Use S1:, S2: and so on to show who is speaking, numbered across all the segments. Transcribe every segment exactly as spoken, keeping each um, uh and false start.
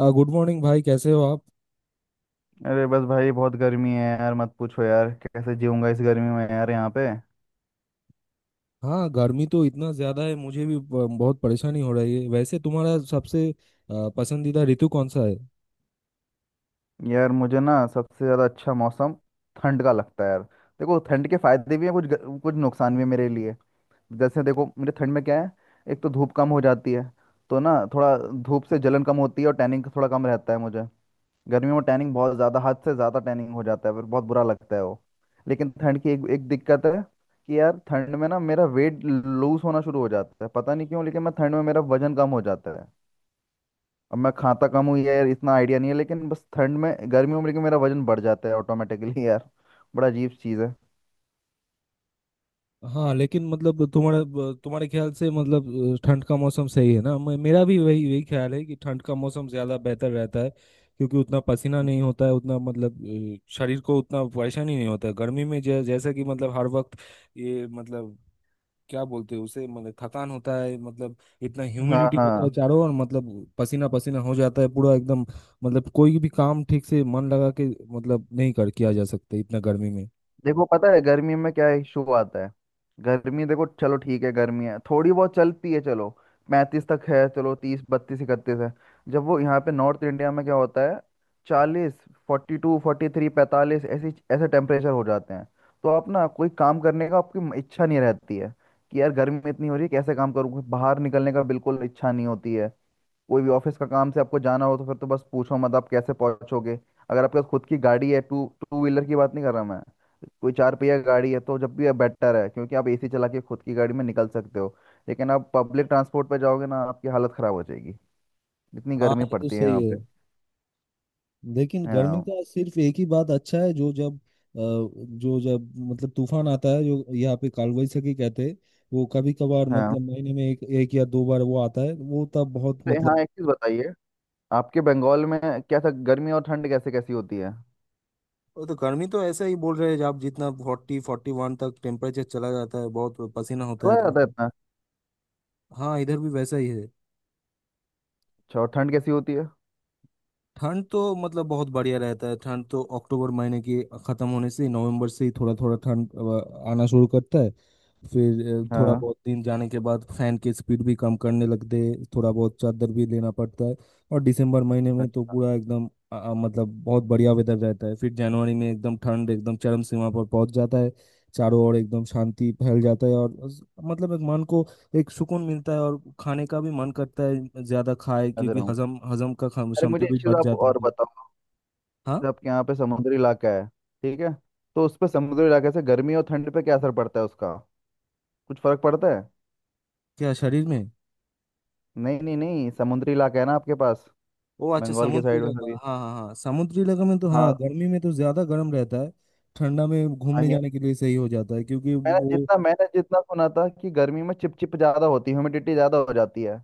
S1: आ, good morning भाई, कैसे हो आप।
S2: अरे बस भाई, बहुत गर्मी है यार। मत पूछो यार, कैसे जीऊंगा इस गर्मी में यार यहाँ पे।
S1: हाँ, गर्मी तो इतना ज़्यादा है, मुझे भी ब- बहुत परेशानी हो रही है। वैसे तुम्हारा सबसे आ, पसंदीदा ऋतु कौन सा है।
S2: यार मुझे ना सबसे ज़्यादा अच्छा मौसम ठंड का लगता है यार। देखो, ठंड के फायदे भी हैं कुछ ग- कुछ नुकसान भी है मेरे लिए। जैसे देखो मेरे ठंड में क्या है। एक तो धूप कम हो जाती है, तो ना थोड़ा धूप से जलन कम होती है और टैनिंग थोड़ा कम रहता है मुझे। गर्मियों में टैनिंग बहुत ज़्यादा, हद से ज़्यादा टैनिंग हो जाता है, फिर बहुत बुरा लगता है वो। लेकिन ठंड की एक एक दिक्कत है कि यार, ठंड में ना मेरा वेट लूज होना शुरू हो जाता है, पता नहीं क्यों। लेकिन मैं ठंड में, मेरा वजन कम हो जाता है। अब मैं खाता कम हूँ यार, इतना आइडिया नहीं है, लेकिन बस ठंड में, गर्मियों में लेकिन मेरा वजन बढ़ जाता है ऑटोमेटिकली यार। बड़ा अजीब चीज़ है।
S1: हाँ, लेकिन मतलब तुम्हारा ब- तुम्हारे ख्याल से मतलब अ, ठंड का मौसम सही है ना। मे- मेरा भी वही वही ख्याल है कि ठंड का मौसम ज़्यादा बेहतर रहता है, क्योंकि उतना पसीना नहीं होता है, उतना मतलब अ, शरीर को उतना परेशानी नहीं होता है गर्मी में। जै, जैसा कि मतलब हर वक्त ये मतलब क्या बोलते हैं उसे, मतलब थकान होता है मतलब। इतना
S2: हाँ
S1: ह्यूमिडिटी होता है
S2: हाँ।
S1: चारों ओर मतलब पसीना पसीना हो जाता है पूरा एकदम। मतलब कोई भी काम ठीक से मन लगा के मतलब नहीं कर किया जा सकता इतना गर्मी में।
S2: देखो, पता है गर्मी में क्या इशू आता है। गर्मी, देखो चलो ठीक है, गर्मी है थोड़ी बहुत, चलती है चलो। पैंतीस तक है चलो, तीस बत्तीस इकतीस है। जब वो यहाँ पे नॉर्थ इंडिया में क्या होता है, चालीस, फोर्टी टू फोर्टी थ्री पैंतालीस, ऐसी ऐसे टेम्परेचर हो जाते हैं। तो आप ना कोई काम करने का आपकी इच्छा नहीं रहती है कि यार, गर्मी में इतनी हो रही है, कैसे काम करूँ। बाहर निकलने का बिल्कुल इच्छा नहीं होती है। कोई भी ऑफिस का काम से आपको जाना हो तो फिर तो बस पूछो मत, आप कैसे पहुंचोगे। अगर आपके पास खुद की गाड़ी है, टू टू व्हीलर की बात नहीं कर रहा मैं, कोई चार पहिया गाड़ी है, तो जब भी बेटर है, क्योंकि आप एसी चला के खुद की गाड़ी में निकल सकते हो। लेकिन आप पब्लिक ट्रांसपोर्ट पर जाओगे ना, आपकी हालत खराब हो जाएगी, इतनी
S1: हाँ,
S2: गर्मी
S1: ये तो
S2: पड़ती है
S1: सही
S2: यहाँ
S1: है।
S2: पे।
S1: लेकिन गर्मी
S2: हाँ
S1: का सिर्फ एक ही बात अच्छा है, जो जब अ, जो जब मतलब तूफान आता है, जो यहाँ पे कालवैसाखी कहते हैं। वो कभी कभार
S2: हाँ।
S1: मतलब महीने में एक एक या दो बार वो आता है, वो तब बहुत
S2: तो हाँ,
S1: मतलब।
S2: एक चीज बताइए, आपके बंगाल में कैसा गर्मी और ठंड कैसे कैसी होती है।
S1: वो तो गर्मी तो ऐसा ही बोल रहे हैं, जब जितना फोर्टी फोर्टी वन तक टेम्परेचर चला जाता है, बहुत पसीना होता
S2: चला
S1: है तो
S2: जाता है
S1: उसमें।
S2: इतना?
S1: हाँ, इधर भी वैसा ही है।
S2: अच्छा, और ठंड कैसी होती है?
S1: ठंड तो मतलब बहुत बढ़िया रहता है, ठंड तो अक्टूबर महीने के ख़त्म होने से नवंबर से ही थोड़ा थोड़ा ठंड अ, आना शुरू करता है। फिर अ, थोड़ा
S2: हाँ।
S1: बहुत दिन जाने के बाद फैन की स्पीड भी कम करने लगते हैं, थोड़ा बहुत चादर भी लेना पड़ता है। और दिसंबर महीने में तो
S2: अच्छा।
S1: पूरा एकदम अ, अ, मतलब बहुत बढ़िया वेदर रहता है। फिर जनवरी में एकदम ठंड एकदम चरम सीमा पर पहुंच जाता है। चारों ओर एकदम शांति फैल जाता है, और उस- मतलब एक मन को एक सुकून मिलता है। और खाने का भी मन करता है, ज्यादा खाए,
S2: समझ रहा
S1: क्योंकि
S2: हूँ।
S1: हजम हजम का खम-
S2: अरे
S1: क्षमता
S2: मुझे
S1: भी
S2: एक चीज
S1: बढ़
S2: आप
S1: जाती
S2: और
S1: है।
S2: बताओ,
S1: हाँ।
S2: आपके यहाँ पे समुद्री इलाका है ठीक है, तो उस पे समुद्री इलाके से गर्मी और ठंड पे क्या असर पड़ता है उसका, कुछ फर्क पड़ता है?
S1: क्या शरीर में।
S2: नहीं नहीं नहीं, समुद्री इलाका है ना आपके पास,
S1: ओ अच्छा,
S2: बंगाल के
S1: समुद्री
S2: साइड में
S1: इलाका,
S2: सभी।
S1: हाँ हाँ हाँ। समुद्री इलाका में तो हाँ,
S2: हाँ।
S1: गर्मी में तो ज्यादा गर्म रहता है। ठंडा में
S2: हाँ,
S1: घूमने
S2: ये-
S1: जाने के लिए सही हो जाता है, क्योंकि
S2: मैंने
S1: वो
S2: जितना मैंने जितना सुना था कि गर्मी में चिपचिप ज्यादा होती है, ह्यूमिडिटी ज्यादा हो जाती है।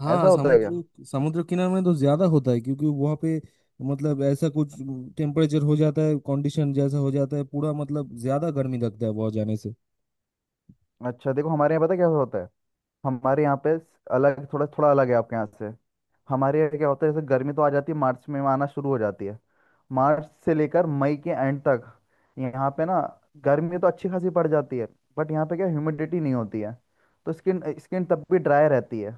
S1: हाँ
S2: ऐसा होता है क्या?
S1: समुद्र समुद्र किनारे में तो ज्यादा होता है, क्योंकि वहाँ पे मतलब ऐसा कुछ टेम्परेचर हो जाता है, कंडीशन जैसा हो जाता है पूरा, मतलब ज्यादा गर्मी लगता है वहाँ जाने से।
S2: अच्छा देखो, हमारे यहाँ पता है क्या होता है, हमारे यहाँ पे अलग, थोड़ा थोड़ा अलग है आपके यहाँ से। हमारे यहाँ क्या होता है, जैसे गर्मी तो आ जाती है मार्च में, आना शुरू हो जाती है। मार्च से लेकर मई के एंड तक यहाँ पे ना, गर्मी तो अच्छी खासी पड़ जाती है, बट यहाँ पे क्या, ह्यूमिडिटी नहीं होती है। तो स्किन स्किन तब भी ड्राई रहती है।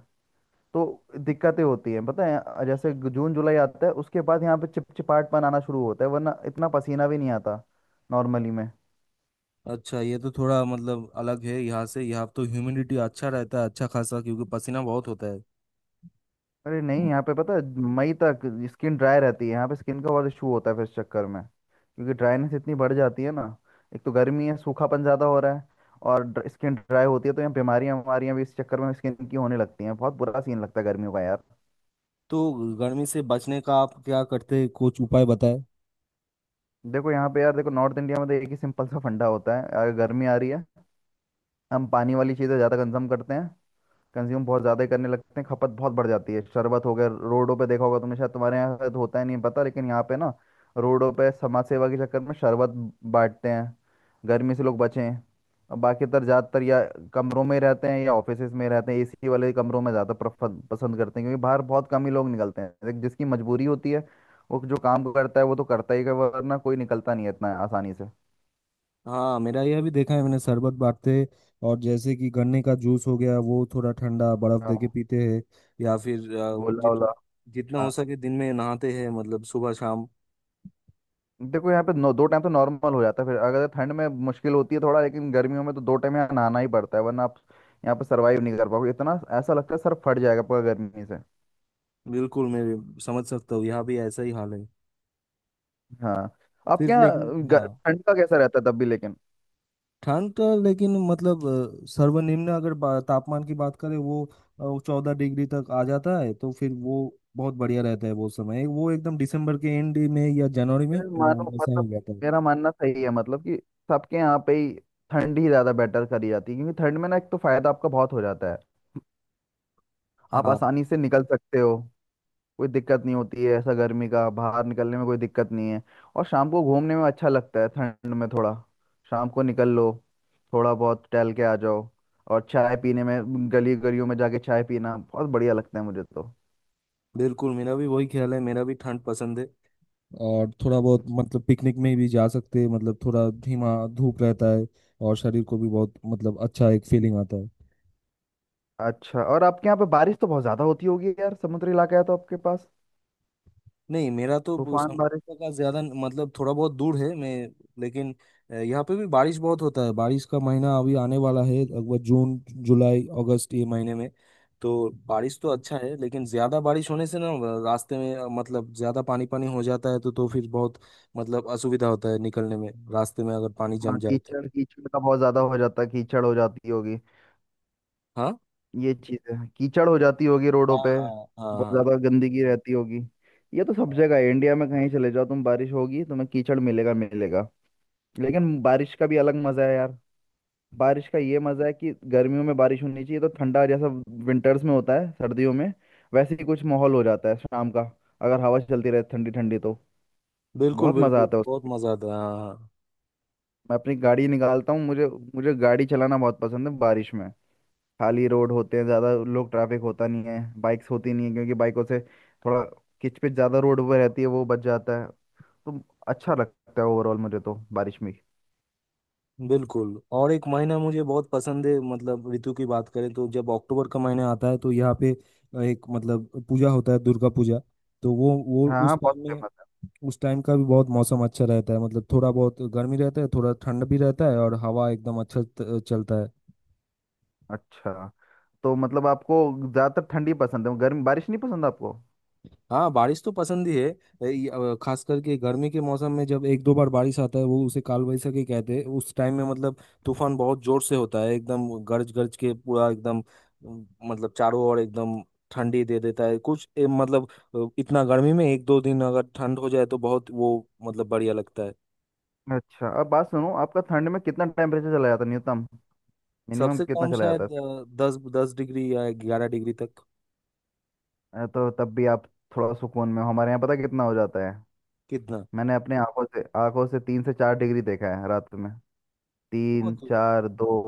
S2: तो दिक्कतें होती हैं, पता है जैसे ग- जून जुलाई आता है उसके बाद, यहाँ पे चिपचिपाहट पन आना शुरू होता है, वरना इतना पसीना भी नहीं आता नॉर्मली में।
S1: अच्छा, ये तो थोड़ा मतलब अलग है यहाँ से। यहाँ तो ह्यूमिडिटी अच्छा रहता है, अच्छा खासा, क्योंकि पसीना बहुत होता है
S2: अरे नहीं, यहाँ पे पता है मई तक स्किन ड्राई रहती है, यहाँ पे स्किन का बहुत इशू होता है फिर इस चक्कर में, क्योंकि ड्राइनेस इतनी बढ़ जाती है ना। एक तो गर्मी है, सूखापन ज़्यादा हो रहा है और स्किन ड्राई होती है, तो यहाँ बीमारियाँ बीमारियाँ भी इस चक्कर में स्किन की होने लगती हैं। बहुत बुरा सीन लगता है गर्मियों का यार।
S1: तो। गर्मी से बचने का आप क्या करते हैं, कुछ उपाय बताएं।
S2: देखो यहाँ पे यार, देखो नॉर्थ इंडिया में तो एक ही सिंपल सा फंडा होता है, अगर गर्मी आ रही है, हम पानी वाली चीज़ें ज़्यादा कंज्यूम करते हैं। कंज्यूम बहुत ज़्यादा ही करने लगते हैं, खपत बहुत बढ़ जाती है। शरबत हो गया, रोडों पे देखा होगा तुमने, शायद तुम्हारे यहाँ शायद होता ही नहीं पता, लेकिन यहाँ पे ना, रोडों पे समाज सेवा के चक्कर में शरबत बांटते हैं, गर्मी से लोग बचें। और बाकी तर ज़्यादातर या कमरों में रहते हैं, या ऑफिसेज में रहते हैं, एसी वाले कमरों में ज़्यादा प्रफ- पसंद करते हैं, क्योंकि बाहर बहुत कम ही लोग निकलते हैं। एक जिसकी मजबूरी होती है, वो जो काम करता है वो तो करता ही है, वरना कोई निकलता नहीं है इतना आसानी से।
S1: हाँ, मेरा यह भी देखा है मैंने, शरबत बांटते हैं, और जैसे कि गन्ने का जूस हो गया, वो थोड़ा ठंडा बर्फ दे के
S2: हाँ।
S1: पीते हैं, या फिर अ,
S2: गोला
S1: जित
S2: वोला।
S1: जितना हो सके दिन में नहाते हैं, मतलब सुबह शाम।
S2: देखो यहाँ पे नौ, दो टाइम तो नॉर्मल हो जाता है, फिर अगर ठंड में मुश्किल होती है थोड़ा, लेकिन गर्मियों में तो दो टाइम यहाँ नहाना ही पड़ता है, वरना आप यहाँ पे सरवाइव नहीं कर पाओगे। इतना ऐसा लगता है सर फट जाएगा पूरा गर्मी से।
S1: बिल्कुल, मैं समझ सकता हूँ, यहाँ भी ऐसा ही हाल है।
S2: हाँ। आपके
S1: फिर लेकिन
S2: यहाँ
S1: हाँ,
S2: ग- ठंड का कैसा रहता है तब भी लेकिन?
S1: ठंड का लेकिन मतलब अ, सर्वनिम्न अगर बा- तापमान की बात करें, वो चौदह डिग्री तक आ जाता है। तो फिर वो बहुत बढ़िया रहता है वो समय, वो एकदम दिसंबर के एंड में या जनवरी में
S2: मेरे
S1: वो
S2: मानो
S1: वैसा
S2: मतलब,
S1: हो जाता है।
S2: मेरा मानना सही है मतलब कि सबके यहाँ पे ही ठंड ही ज़्यादा बेटर करी जाती है, क्योंकि ठंड में ना एक तो फायदा आपका बहुत हो जाता है, आप
S1: हाँ,
S2: आसानी से निकल सकते हो। कोई दिक्कत नहीं होती है ऐसा गर्मी का, बाहर निकलने में कोई दिक्कत नहीं है, और शाम को घूमने में अच्छा लगता है ठंड में। थोड़ा शाम को निकल लो, थोड़ा बहुत टहल के आ जाओ, और चाय पीने में गली गलियों में जाके चाय पीना बहुत बढ़िया लगता है मुझे तो।
S1: बिल्कुल मेरा भी वही ख्याल है, मेरा भी ठंड पसंद है। और थोड़ा बहुत मतलब पिकनिक में भी जा सकते हैं, मतलब थोड़ा धीमा धूप रहता है, और शरीर को भी बहुत मतलब अच्छा एक फीलिंग आता है।
S2: अच्छा, और आपके यहाँ पे बारिश तो बहुत ज्यादा होती होगी यार, समुद्री इलाका है तो आपके पास,
S1: नहीं, मेरा तो वो
S2: तूफान बारिश।
S1: समुद्र का ज्यादा न- मतलब थोड़ा बहुत दूर है मैं, लेकिन अ, यहाँ पे भी बारिश बहुत होता है। बारिश का महीना अभी आने वाला है, लगभग जून जुलाई अगस्त ये महीने में। तो बारिश तो अच्छा
S2: अच्छा।
S1: है, लेकिन ज्यादा बारिश होने से ना अ, रास्ते में अ, मतलब ज्यादा पानी पानी हो जाता है, तो तो फिर बहुत मतलब असुविधा होता है निकलने में, रास्ते में अगर पानी
S2: हाँ,
S1: जम जाए तो।
S2: कीचड़, कीचड़ का बहुत ज्यादा हो जाता है, कीचड़ हो जाती होगी।
S1: हाँ
S2: ये चीज है, कीचड़ हो जाती होगी
S1: हाँ
S2: रोडों पे,
S1: हाँ हाँ।
S2: बहुत
S1: हाँ
S2: ज्यादा गंदगी रहती होगी। ये तो सब
S1: हाँ।
S2: जगह है इंडिया में, कहीं चले जाओ तुम बारिश होगी, तुम्हें कीचड़ मिलेगा मिलेगा। लेकिन बारिश का भी अलग मजा है यार। बारिश का ये मजा है कि गर्मियों में बारिश होनी चाहिए, तो ठंडा जैसा विंटर्स में होता है, सर्दियों में, वैसे ही कुछ माहौल हो जाता है शाम का, अगर हवा चलती रहे ठंडी ठंडी तो।
S1: बिल्कुल
S2: बहुत मजा
S1: बिल्कुल,
S2: आता है
S1: बहुत
S2: उसमें।
S1: मजा आता है, हाँ हाँ।
S2: मैं अपनी गाड़ी निकालता हूँ, मुझे, मुझे गाड़ी चलाना बहुत पसंद है बारिश में। खाली रोड होते हैं, ज़्यादा लोग ट्रैफिक होता नहीं है, बाइक्स होती नहीं है, क्योंकि बाइकों से थोड़ा किचपिच ज़्यादा रोड पर रहती है, वो बच जाता है। तो अच्छा लगता है ओवरऑल मुझे तो बारिश में।
S1: बिल्कुल। और एक महीना मुझे बहुत पसंद है, मतलब ऋतु की बात करें तो, जब अक्टूबर का महीना आता है, तो यहाँ पे एक मतलब पूजा होता है, दुर्गा पूजा। तो वो वो
S2: हाँ
S1: उस
S2: हाँ, बहुत
S1: टाइम में
S2: फेमस है।
S1: उस टाइम का भी बहुत मौसम अच्छा रहता है, मतलब थोड़ा बहुत गर्मी रहता है, थोड़ा ठंड भी रहता है, और हवा एकदम अच्छा त- चलता है।
S2: अच्छा, तो मतलब आपको ज़्यादातर ठंडी पसंद है, गर्मी बारिश नहीं पसंद आपको।
S1: हाँ, बारिश तो पसंद ही है। ए, ये, अ, खास करके गर्मी के मौसम में जब एक दो बार बारिश आता है, वो उसे काल वैसाखी कहते हैं। उस टाइम में मतलब तूफान बहुत जोर से होता है, एकदम गरज गरज के पूरा एकदम अम, मतलब चारों ओर एकदम ठंडी दे देता है कुछ ए, मतलब अ, इतना गर्मी में एक दो दिन अगर ठंड हो जाए तो बहुत वो मतलब बढ़िया लगता है।
S2: अच्छा, अब बात सुनो, आपका ठंड में कितना टेम्परेचर चला जाता है न्यूनतम, मिनिमम
S1: सबसे
S2: कितना
S1: कम
S2: चला जाता
S1: शायद अ, दस दस डिग्री या ग्यारह डिग्री तक।
S2: है? अ, तो तब भी आप थोड़ा सुकून में हो। हमारे यहाँ पता कितना हो जाता है?
S1: कितना।
S2: मैंने अपने आंखों से आंखों से तीन से चार डिग्री देखा है रात में,
S1: वो
S2: तीन
S1: तो
S2: चार दो।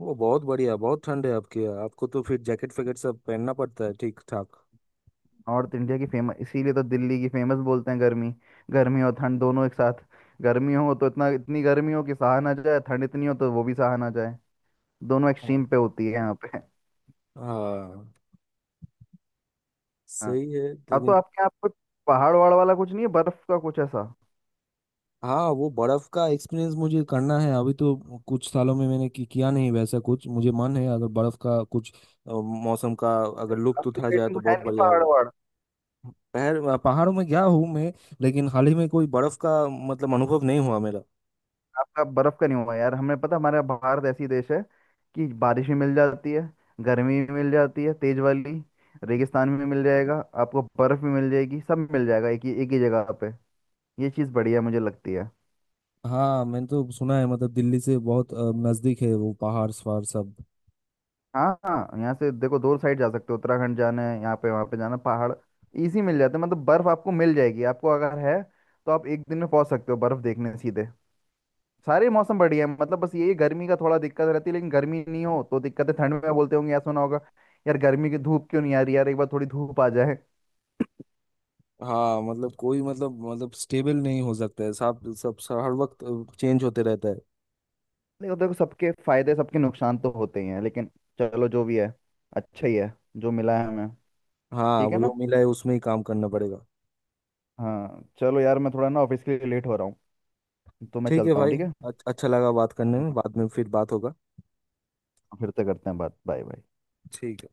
S1: वो बहुत बढ़िया, बहुत ठंड है आपके यहाँ, आपको तो फिर जैकेट फैकेट सब पहनना पड़ता है। ठीक
S2: नॉर्थ इंडिया की फेमस इसीलिए तो दिल्ली की फेमस बोलते हैं, गर्मी गर्मी और ठंड दोनों एक साथ। गर्मी हो तो इतना इतनी गर्मी हो कि सहा ना जाए, ठंड इतनी हो तो वो भी सहा ना जाए। दोनों
S1: ठाक।
S2: एक्सट्रीम पे होती है यहाँ पे।
S1: हाँ,
S2: हाँ।
S1: सही है
S2: अब तो
S1: लेकिन।
S2: आपके यहाँ पे पहाड़ वहाड़ वाला कुछ नहीं है, बर्फ का कुछ ऐसा?
S1: हाँ, वो बर्फ का एक्सपीरियंस मुझे करना है अभी तो। कुछ सालों में मैंने कि, किया नहीं वैसा कुछ, मुझे मन है अगर बर्फ का कुछ अ, मौसम का अगर लुत्फ
S2: आपकी
S1: उठा
S2: साइड
S1: जाए
S2: में
S1: तो
S2: कुछ है
S1: बहुत
S2: नहीं
S1: बढ़िया
S2: पहाड़
S1: होगा।
S2: वहाड़?
S1: पहर पहाड़ों में गया हूँ मैं, लेकिन हाल ही में कोई बर्फ का मतलब अनुभव नहीं हुआ मेरा।
S2: आपका बर्फ का नहीं हुआ यार? हमें पता, हमारा भारत ऐसी देश है कि बारिश भी मिल जाती है, गर्मी भी मिल जाती है तेज वाली, रेगिस्तान भी मिल जाएगा, आपको बर्फ भी मिल जाएगी, सब मिल जाएगा एक ही एक ही जगह। ये चीज़ बढ़िया मुझे लगती है।
S1: हाँ, मैंने तो सुना है मतलब दिल्ली से बहुत अ, नजदीक है वो पहाड़ सवार सब।
S2: हाँ हाँ, यहाँ से देखो दो साइड जा सकते हो। उत्तराखंड जाना है यहाँ पे, वहाँ पे जाना, पहाड़ इजी मिल जाते हैं, मतलब बर्फ आपको मिल जाएगी आपको अगर है, तो आप एक दिन में पहुँच सकते हो बर्फ देखने सीधे। सारे मौसम बढ़िया है, मतलब बस ये गर्मी का थोड़ा दिक्कत रहती है, लेकिन गर्मी नहीं हो तो दिक्कत है। ठंड में बोलते होंगे यार, सुना होगा, यार गर्मी की धूप क्यों नहीं आ रही यार, एक बार थोड़ी धूप आ जाए।
S1: हाँ, मतलब कोई मतलब मतलब स्टेबल नहीं हो सकता है, सब सब सब- हर वक्त चेंज होते रहता है।
S2: देखो देखो, सबके फायदे सबके नुकसान तो होते ही हैं, लेकिन चलो जो भी है अच्छा ही है, जो मिला है हमें।
S1: हाँ,
S2: ठीक है
S1: वो
S2: ना।
S1: जो मिला है उसमें ही काम करना पड़ेगा।
S2: हाँ चलो यार, मैं थोड़ा ना ऑफिस के लिए लेट हो रहा हूँ, तो मैं
S1: ठीक है
S2: चलता हूँ
S1: भाई,
S2: ठीक है।
S1: अच- अच्छा लगा बात
S2: हाँ,
S1: करने
S2: हाँ,
S1: में,
S2: हाँ,
S1: बाद में फिर बात होगा।
S2: फिर से करते हैं बात, बाय बाय।
S1: ठीक है।